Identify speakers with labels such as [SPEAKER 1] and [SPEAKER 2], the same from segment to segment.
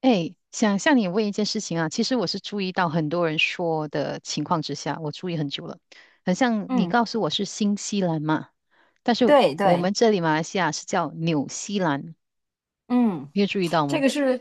[SPEAKER 1] 哎，想向你问一件事情啊，其实我是注意到很多人说的情况之下，我注意很久了。很像你
[SPEAKER 2] 嗯，
[SPEAKER 1] 告诉我是新西兰嘛，但是
[SPEAKER 2] 对
[SPEAKER 1] 我
[SPEAKER 2] 对，
[SPEAKER 1] 们这里马来西亚是叫纽西兰，
[SPEAKER 2] 嗯，
[SPEAKER 1] 你有注意到
[SPEAKER 2] 这
[SPEAKER 1] 吗？
[SPEAKER 2] 个是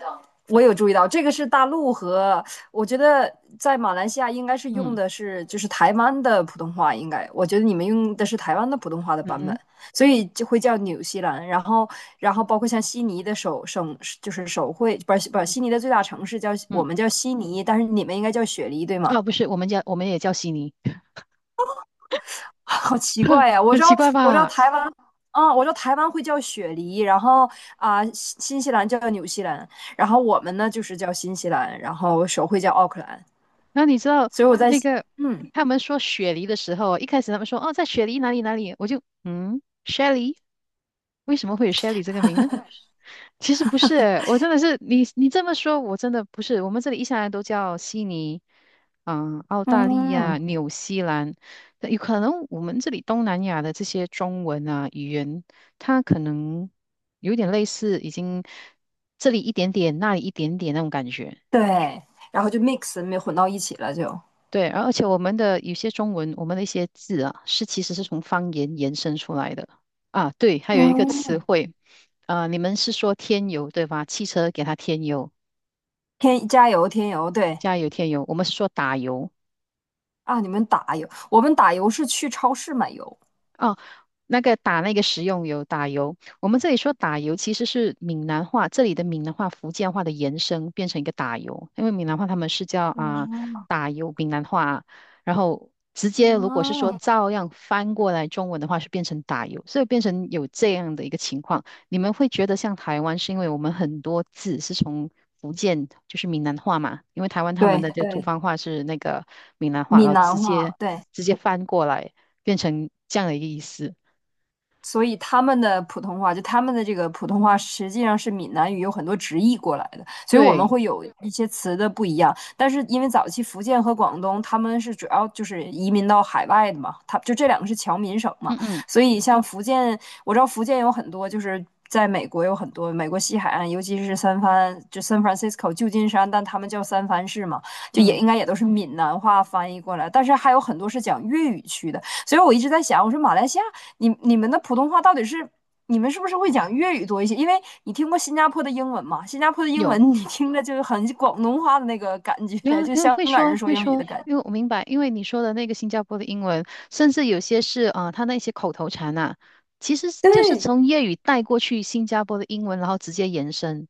[SPEAKER 2] 我有注意到，这个是大陆和我觉得在马来西亚应该是用
[SPEAKER 1] 嗯
[SPEAKER 2] 的是就是台湾的普通话，应该我觉得你们用的是台湾的普通话的
[SPEAKER 1] 嗯
[SPEAKER 2] 版本，
[SPEAKER 1] 哼
[SPEAKER 2] 所以就会叫纽西兰。然后包括像悉尼的首会，不是
[SPEAKER 1] 嗯，
[SPEAKER 2] 悉尼的最大城市我
[SPEAKER 1] 嗯，
[SPEAKER 2] 们叫悉尼，但是你们应该叫雪梨，对吗？
[SPEAKER 1] 哦，不是，我们也叫悉尼。
[SPEAKER 2] 好奇 怪呀！
[SPEAKER 1] 很奇怪
[SPEAKER 2] 我知道
[SPEAKER 1] 吧？
[SPEAKER 2] 台湾，我知道台湾会叫雪梨，然后新西兰叫纽西兰，然后我们呢就是叫新西兰，然后手绘叫奥克兰，
[SPEAKER 1] 那你知道
[SPEAKER 2] 所以我在
[SPEAKER 1] 那
[SPEAKER 2] 想，
[SPEAKER 1] 个
[SPEAKER 2] 嗯
[SPEAKER 1] 他们说雪梨的时候，一开始他们说哦，在雪梨哪里哪里，我就嗯，Shelly，为什么会有 Shelly 这个名呢？其实不是，我真的是你这么说，我真的不是。我们这里一向来都叫悉尼，嗯，澳大利亚、
[SPEAKER 2] 嗯，
[SPEAKER 1] 纽西兰。那有可能我们这里东南亚的这些中文啊语言，它可能有点类似，已经这里一点点，那里一点点那种感觉。
[SPEAKER 2] 对，然后就 mix 没混到一起了就，
[SPEAKER 1] 对，而且我们的有些中文，我们的一些字啊，是其实是从方言延伸出来的啊。对，还有一个词
[SPEAKER 2] 嗯，
[SPEAKER 1] 汇，啊、你们是说添油对吧？汽车给它添油。
[SPEAKER 2] 添加油天油，对，
[SPEAKER 1] 加油添油，我们是说打油。
[SPEAKER 2] 啊，你们打油，我们打油是去超市买油，
[SPEAKER 1] 哦，那个打那个食用油，打油。我们这里说打油，其实是闽南话，这里的闽南话、福建话的延伸，变成一个打油。因为闽南话他们是叫
[SPEAKER 2] 哦，
[SPEAKER 1] 啊、打油，闽南话，然后直接如果是说照样翻过来中文的话，是变成打油，所以变成有这样的一个情况。你们会觉得像台湾，是因为我们很多字是从福建，就是闽南话嘛，因为台湾他们
[SPEAKER 2] 对
[SPEAKER 1] 的这个土
[SPEAKER 2] 对，
[SPEAKER 1] 方话是那个闽南话，然
[SPEAKER 2] 闽
[SPEAKER 1] 后直
[SPEAKER 2] 南
[SPEAKER 1] 接
[SPEAKER 2] 话，对，
[SPEAKER 1] 直接翻过来。变成这样的一个意思。
[SPEAKER 2] 所以他们的普通话，就他们的这个普通话，实际上是闽南语有很多直译过来的，所以我们
[SPEAKER 1] 对，
[SPEAKER 2] 会有一些词的不一样。但是因为早期福建和广东他们是主要就是移民到海外的嘛，他就这两个是侨民省嘛，
[SPEAKER 1] 嗯嗯
[SPEAKER 2] 所以像福建，我知道福建有很多就是在美国有很多美国西海岸，尤其是三藩，就 San Francisco 旧金山，但他们叫三藩市嘛，就也
[SPEAKER 1] 嗯，
[SPEAKER 2] 应该也都是闽南话翻译过来，但是还有很多是讲粤语区的。所以我一直在想，我说马来西亚，你们的普通话到底是你们是不是会讲粤语多一些？因为你听过新加坡的英文嘛，新加坡的英
[SPEAKER 1] 有，
[SPEAKER 2] 文你听着就是很广东话的那个感
[SPEAKER 1] 然
[SPEAKER 2] 觉，
[SPEAKER 1] 后
[SPEAKER 2] 就
[SPEAKER 1] 因为
[SPEAKER 2] 香
[SPEAKER 1] 会
[SPEAKER 2] 港
[SPEAKER 1] 说
[SPEAKER 2] 人说
[SPEAKER 1] 会
[SPEAKER 2] 英语的
[SPEAKER 1] 说，
[SPEAKER 2] 感觉。
[SPEAKER 1] 因为我明白，因为你说的那个新加坡的英文，甚至有些是他那些口头禅啊，其实是就是
[SPEAKER 2] 对，
[SPEAKER 1] 从粤语带过去新加坡的英文，然后直接延伸。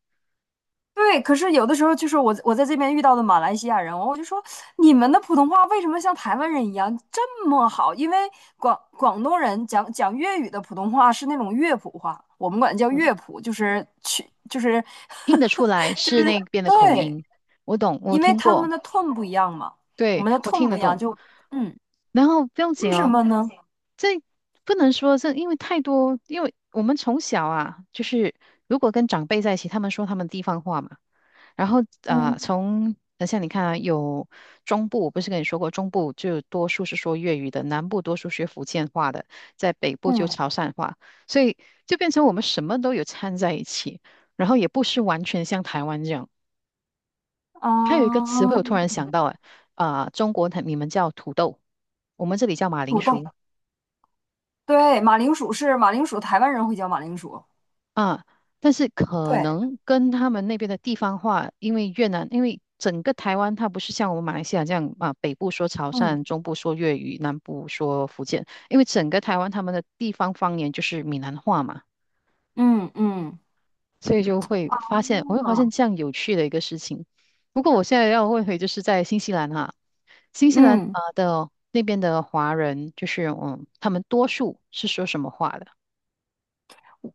[SPEAKER 2] 对，可是有的时候就是我在这边遇到的马来西亚人，我就说你们的普通话为什么像台湾人一样这么好？因为广东人讲粤语的普通话是那种乐谱话，我们管叫
[SPEAKER 1] 嗯，
[SPEAKER 2] 乐谱，就是去就是
[SPEAKER 1] 听得出来
[SPEAKER 2] 就是
[SPEAKER 1] 是那边的口
[SPEAKER 2] 对。
[SPEAKER 1] 音。我懂，我
[SPEAKER 2] 因为
[SPEAKER 1] 听
[SPEAKER 2] 他们
[SPEAKER 1] 过。
[SPEAKER 2] 的痛"不一样嘛，我
[SPEAKER 1] 对，
[SPEAKER 2] 们的
[SPEAKER 1] 我
[SPEAKER 2] 痛"
[SPEAKER 1] 听
[SPEAKER 2] 不
[SPEAKER 1] 得
[SPEAKER 2] 一样，
[SPEAKER 1] 懂。
[SPEAKER 2] 就嗯，
[SPEAKER 1] 然后不用
[SPEAKER 2] 为
[SPEAKER 1] 紧
[SPEAKER 2] 什
[SPEAKER 1] 哦，
[SPEAKER 2] 么呢？
[SPEAKER 1] 这不能说这，因为太多，因为我们从小啊，就是如果跟长辈在一起，他们说他们地方话嘛，然后啊，
[SPEAKER 2] 嗯
[SPEAKER 1] 从等下你看啊，有中部，我不是跟你说过，中部就多数是说粤语的，南部多数学福建话的，在北部就
[SPEAKER 2] 嗯，
[SPEAKER 1] 潮汕话，所以就变成我们什么都有掺在一起，然后也不是完全像台湾这样。还有一个词汇，
[SPEAKER 2] 啊，
[SPEAKER 1] 我突然想到，哎，啊、中国它你们叫土豆，我们这里叫马铃
[SPEAKER 2] 土豆，
[SPEAKER 1] 薯
[SPEAKER 2] 对，马铃薯是马铃薯，台湾人会叫马铃薯，
[SPEAKER 1] 啊，但是可
[SPEAKER 2] 对，
[SPEAKER 1] 能跟他们那边的地方话，因为越南，因为整个台湾它不是像我们马来西亚这样啊，北部说潮
[SPEAKER 2] 嗯
[SPEAKER 1] 汕，中部说粤语，南部说福建，因为整个台湾他们的地方方言就是闽南话嘛，
[SPEAKER 2] 嗯嗯，
[SPEAKER 1] 所以就会发现，我会发现
[SPEAKER 2] 啊，
[SPEAKER 1] 这样有趣的一个事情。不过我现在要问回，就是在新西兰哈、新西兰
[SPEAKER 2] 嗯。
[SPEAKER 1] 啊的那边的华人，就是嗯，他们多数是说什么话的？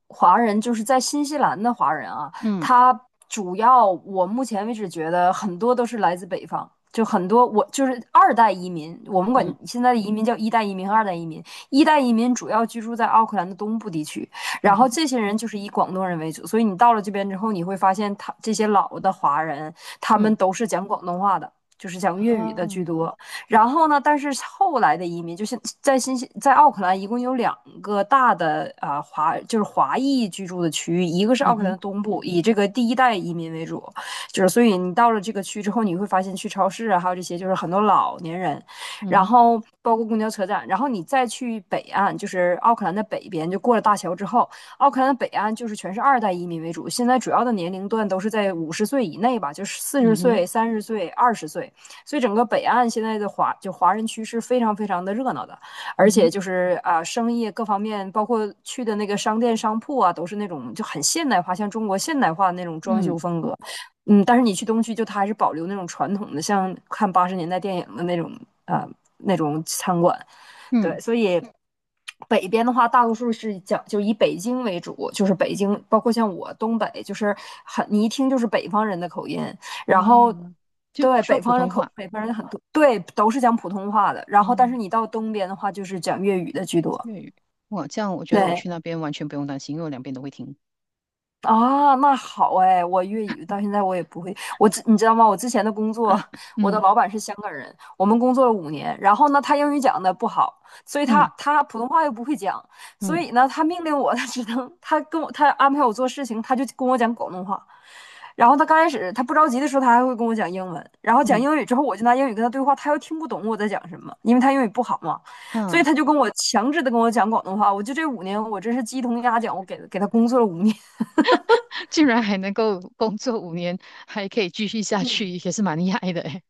[SPEAKER 2] 华人，就是在新西兰的华人啊，
[SPEAKER 1] 嗯
[SPEAKER 2] 他主要我目前为止觉得很多都是来自北方，就很多我就是二代移民，我们管
[SPEAKER 1] 嗯
[SPEAKER 2] 现在的移民叫一代移民二代移民。一代移民主要居住在奥克兰的东部地区，然
[SPEAKER 1] 嗯哼
[SPEAKER 2] 后这些人就是以广东人为主，所以你到了这边之后，你会发现他这些老的华人，他们
[SPEAKER 1] 嗯
[SPEAKER 2] 都是讲广东话的。就是讲粤语的居
[SPEAKER 1] 啊
[SPEAKER 2] 多，然后呢，但是后来的移民，就是在新西，在奥克兰一共有两个大的啊、呃华，就是华裔居住的区域，一个是
[SPEAKER 1] 嗯
[SPEAKER 2] 奥克兰
[SPEAKER 1] 哼
[SPEAKER 2] 的东部，以这个第一代移民为主，就是所以你到了这个区之后，你会发现去超市啊，还有这些就是很多老年人，
[SPEAKER 1] 嗯
[SPEAKER 2] 然
[SPEAKER 1] 哼
[SPEAKER 2] 后包括公交车站，然后你再去北岸，就是奥克兰的北边，就过了大桥之后，奥克兰的北岸就是全是二代移民为主，现在主要的年龄段都是在50岁以内吧，就是四十
[SPEAKER 1] 嗯哼
[SPEAKER 2] 岁、30岁、20岁。所以整个北岸现在的华人区是非常非常的热闹的，而
[SPEAKER 1] 嗯哼
[SPEAKER 2] 且就是生意各方面，包括去的那个商店商铺啊，都是那种就很现代化，像中国现代化的那种装
[SPEAKER 1] 嗯
[SPEAKER 2] 修风格。嗯，但是你去东区，就它还是保留那种传统的，像看80年代电影的那种啊、呃那种餐馆。
[SPEAKER 1] 嗯
[SPEAKER 2] 对，所以北边的话，大多数是讲就以北京为主，就是北京，包括像我东北，就是你一听就是北方人的口音，然
[SPEAKER 1] 啊，
[SPEAKER 2] 后。
[SPEAKER 1] 就
[SPEAKER 2] 对，
[SPEAKER 1] 说普通话
[SPEAKER 2] 北方人很多，对，都是讲普通话的。然后，但是
[SPEAKER 1] 啊
[SPEAKER 2] 你到东边的话，就是讲粤语的居多。
[SPEAKER 1] 粤语。哇，这样我觉得我
[SPEAKER 2] 对，
[SPEAKER 1] 去那边完全不用担心，因为我两边都会听。
[SPEAKER 2] 啊，那好哎，我粤语到现在我也不会，你知道吗？我之前的工作，
[SPEAKER 1] 嗯
[SPEAKER 2] 我的
[SPEAKER 1] 嗯
[SPEAKER 2] 老板是香港人，我们工作了五年，然后呢，他英语讲的不好，所以他
[SPEAKER 1] 嗯
[SPEAKER 2] 他普通话又不会讲，所
[SPEAKER 1] 嗯
[SPEAKER 2] 以呢，他命令我 他只能他跟我他安排我做事情，他就跟我讲广东话，然后他刚开始他不着急的时候，他还会跟我讲英文，然后讲
[SPEAKER 1] 嗯
[SPEAKER 2] 英语之后，我就拿英语跟他对话，他又听不懂我在讲什么，因为他英语不好嘛，所以
[SPEAKER 1] 嗯，
[SPEAKER 2] 他就跟我强制的跟我讲广东话，我就这五年我真是鸡同鸭讲，我给他工作了五年。
[SPEAKER 1] 竟然还能够工作5年，还可以继续下去，也是蛮厉害的诶。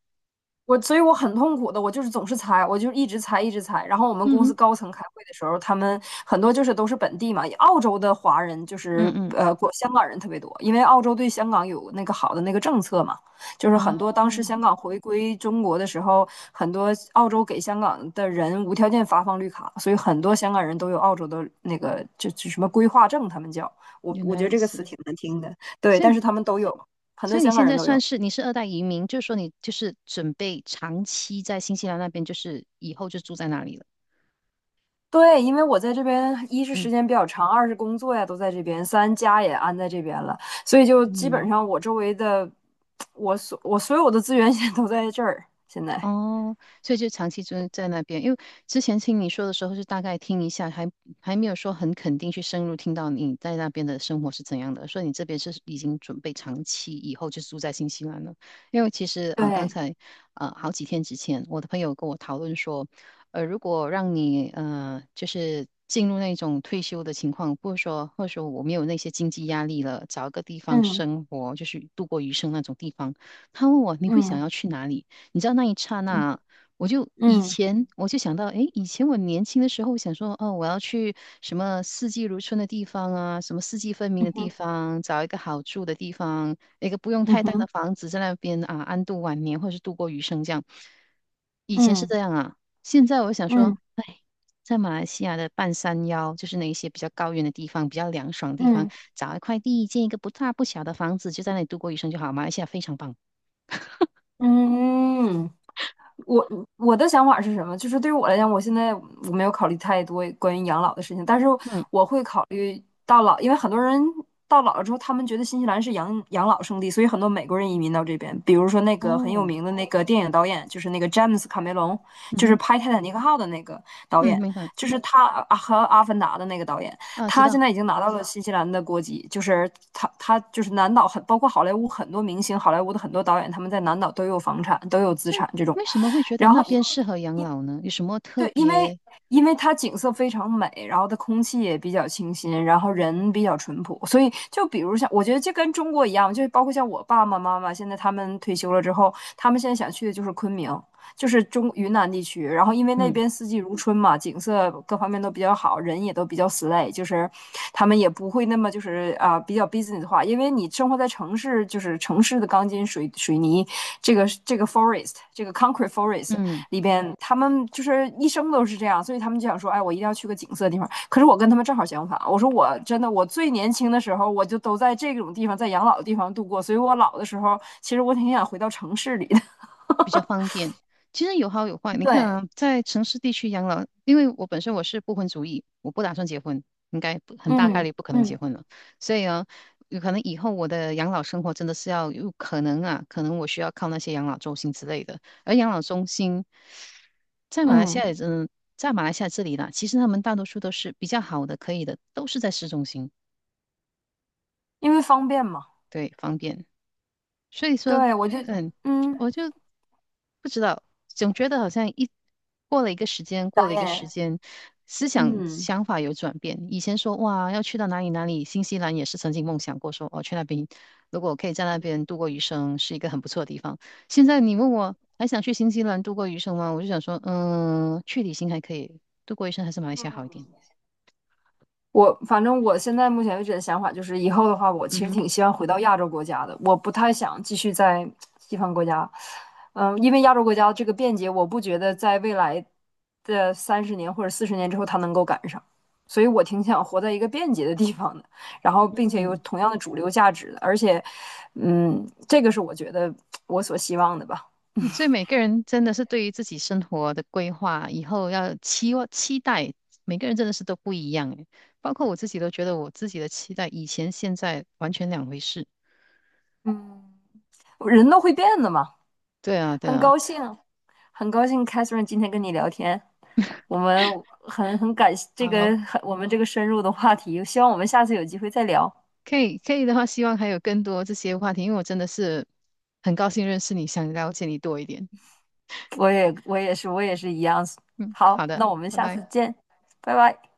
[SPEAKER 2] 所以我很痛苦的，我就是总是猜，我就一直猜，一直猜。然后我们
[SPEAKER 1] 嗯
[SPEAKER 2] 公
[SPEAKER 1] 哼
[SPEAKER 2] 司高层开会的时候，他们很多就是都是本地嘛，澳洲的华人就
[SPEAKER 1] 嗯
[SPEAKER 2] 是
[SPEAKER 1] 嗯
[SPEAKER 2] 过香港人特别多，因为澳洲对香港有那个好的那个政策嘛，就是
[SPEAKER 1] 啊，
[SPEAKER 2] 很多当时香港回归中国的时候，很多澳洲给香港的人无条件发放绿卡，所以很多香港人都有澳洲的那个就什么规划证，他们叫我
[SPEAKER 1] 原
[SPEAKER 2] 我
[SPEAKER 1] 来
[SPEAKER 2] 觉得
[SPEAKER 1] 如
[SPEAKER 2] 这个词
[SPEAKER 1] 此。
[SPEAKER 2] 挺难听的，对，
[SPEAKER 1] 所
[SPEAKER 2] 但是
[SPEAKER 1] 以
[SPEAKER 2] 他们都有，很
[SPEAKER 1] 所
[SPEAKER 2] 多
[SPEAKER 1] 以你
[SPEAKER 2] 香港
[SPEAKER 1] 现在
[SPEAKER 2] 人都
[SPEAKER 1] 算
[SPEAKER 2] 有。
[SPEAKER 1] 是你是二代移民，就是说你就是准备长期在新西兰那边，就是以后就住在那里了。
[SPEAKER 2] 对，因为我在这边，一是
[SPEAKER 1] 嗯
[SPEAKER 2] 时间比较长，二是工作呀都在这边，三家也安在这边了，所以就基本
[SPEAKER 1] 嗯，
[SPEAKER 2] 上我周围的，我所有的资源 现在都在这儿。现在，
[SPEAKER 1] 哦，所以就长期就在那边，因为之前听你说的时候是大概听一下，还没有说很肯定去深入听到你在那边的生活是怎样的，所以你这边是已经准备长期以后就住在新西兰了。因为其实刚
[SPEAKER 2] 对，
[SPEAKER 1] 才好几天之前，我的朋友跟我讨论说，如果让你就是进入那种退休的情况，或者说我没有那些经济压力了，找一个地方
[SPEAKER 2] 嗯
[SPEAKER 1] 生活，就是度过余生那种地方，他问我你会想
[SPEAKER 2] 嗯
[SPEAKER 1] 要去哪里？你知道那一刹那，我就以
[SPEAKER 2] 嗯
[SPEAKER 1] 前我就想到，诶，以前我年轻的时候想说，哦，我要去什么四季如春的地方啊，什么四季分明
[SPEAKER 2] 嗯
[SPEAKER 1] 的地
[SPEAKER 2] 哼
[SPEAKER 1] 方，找一个好住的地方，一个不用
[SPEAKER 2] 嗯
[SPEAKER 1] 太大的
[SPEAKER 2] 哼
[SPEAKER 1] 房子，在那边啊安度晚年，或者是度过余生这样。以前是
[SPEAKER 2] 嗯
[SPEAKER 1] 这样啊，现在我想说，
[SPEAKER 2] 嗯
[SPEAKER 1] 哎，在马来西亚的半山腰，就是那一些比较高原的地方，比较凉爽的地方，
[SPEAKER 2] 嗯嗯
[SPEAKER 1] 找一块地，建一个不大不小的房子，就在那里度过余生就好。马来西亚非常棒，
[SPEAKER 2] 嗯。我我的想法是什么？就是对于我来讲，我现在我没有考虑太多关于养老的事情，但是
[SPEAKER 1] 嗯，
[SPEAKER 2] 我会考虑到老，因为很多人到老了之后，他们觉得新西兰是养老圣地，所以很多美国人移民到这边。比如说那个很有
[SPEAKER 1] 哦，
[SPEAKER 2] 名的那个电影导演，就是那个詹姆斯卡梅隆，
[SPEAKER 1] 嗯
[SPEAKER 2] 就是
[SPEAKER 1] 哼。
[SPEAKER 2] 拍《泰坦尼克号》的那个导
[SPEAKER 1] 嗯，
[SPEAKER 2] 演，
[SPEAKER 1] 明白
[SPEAKER 2] 就是他啊和《阿凡达》的那个导演，
[SPEAKER 1] 啊，知
[SPEAKER 2] 他现
[SPEAKER 1] 道。
[SPEAKER 2] 在已经拿到了新西兰的国籍，就是他就是南岛包括好莱坞很多明星，好莱坞的很多导演他们在南岛都有房产，都有资
[SPEAKER 1] 所以
[SPEAKER 2] 产这种。
[SPEAKER 1] 为什么会觉得
[SPEAKER 2] 然
[SPEAKER 1] 那
[SPEAKER 2] 后
[SPEAKER 1] 边适合养
[SPEAKER 2] 因
[SPEAKER 1] 老呢？有什么特
[SPEAKER 2] 对，因为
[SPEAKER 1] 别？
[SPEAKER 2] 因为它景色非常美，然后它空气也比较清新，然后人比较淳朴，所以就比如像我觉得就跟中国一样，就是包括像我爸爸妈妈现在他们退休了之后，他们现在想去的就是昆明，就是中云南地区，然后因为那
[SPEAKER 1] 嗯
[SPEAKER 2] 边四季如春嘛，景色各方面都比较好，人也都比较 slay,就是他们也不会那么就是啊比较 business 化，因为你生活在城市，就是城市的钢筋水泥，这个 forest,这个 concrete forest,
[SPEAKER 1] 嗯，
[SPEAKER 2] 里边，他们就是一生都是这样，所以他们就想说，哎，我一定要去个景色的地方。可是我跟他们正好相反，我说我真的，我最年轻的时候，我就都在这种地方，在养老的地方度过，所以我老的时候，其实我挺想回到城市里的。
[SPEAKER 1] 其实有好有坏。你看
[SPEAKER 2] 对，
[SPEAKER 1] 啊，在城市地区养老，因为我本身我是不婚主义，我不打算结婚，应该不很大概
[SPEAKER 2] 嗯
[SPEAKER 1] 率不可能结
[SPEAKER 2] 嗯，
[SPEAKER 1] 婚了。所以啊，有可能以后我的养老生活真的是要有可能啊，可能我需要靠那些养老中心之类的。而养老中心在马来西亚
[SPEAKER 2] 嗯，
[SPEAKER 1] 也真，在马来西亚这里啦，其实他们大多数都是比较好的，可以的，都是在市中心，
[SPEAKER 2] 因为方便嘛。
[SPEAKER 1] 对，方便。所以说，
[SPEAKER 2] 对，我就
[SPEAKER 1] 嗯，
[SPEAKER 2] 嗯
[SPEAKER 1] 我就不知道，总觉得好像一过了一个时间，过
[SPEAKER 2] 导
[SPEAKER 1] 了一个时
[SPEAKER 2] 演，
[SPEAKER 1] 间，思想
[SPEAKER 2] 嗯。
[SPEAKER 1] 想法有转变。以前说哇，要去到哪里哪里，新西兰也是曾经梦想过说，哦，去那边，如果我可以在那边度过余生，是一个很不错的地方。现在你问我还想去新西兰度过余生吗？我就想说，嗯，去旅行还可以，度过余生还是马来西亚好一点。
[SPEAKER 2] 我反正我现在目前为止的想法就是，以后的话，我其实
[SPEAKER 1] 嗯
[SPEAKER 2] 挺希望回到亚洲国家的，我不太想继续在西方国家。嗯，因为亚洲国家这个便捷，我不觉得在未来的30年或者40年之后它能够赶上，所以我挺想活在一个便捷的地方的，然后并且有
[SPEAKER 1] 哼。
[SPEAKER 2] 同样的主流价值的，而且，这个是我觉得我所希望的吧。
[SPEAKER 1] 嗯所以每个人真的是对于自己生活的规划，以后要期望期待，每个人真的是都不一样诶。包括我自己都觉得我自己的期待，以前现在完全两回事。
[SPEAKER 2] 嗯，人都会变的嘛，
[SPEAKER 1] 对啊，对
[SPEAKER 2] 很高
[SPEAKER 1] 啊。
[SPEAKER 2] 兴，很高兴，Catherine 今天跟你聊天。我们很感谢这
[SPEAKER 1] 好，
[SPEAKER 2] 个很我们这个深入的话题，希望我们下次有机会再聊。
[SPEAKER 1] 可以的话，希望还有更多这些话题，因为我真的是很高兴认识你，想了解你多一点。
[SPEAKER 2] 我也是一样。
[SPEAKER 1] 嗯，好
[SPEAKER 2] 好，
[SPEAKER 1] 的，
[SPEAKER 2] 那我们
[SPEAKER 1] 拜
[SPEAKER 2] 下次
[SPEAKER 1] 拜。
[SPEAKER 2] 见，拜拜。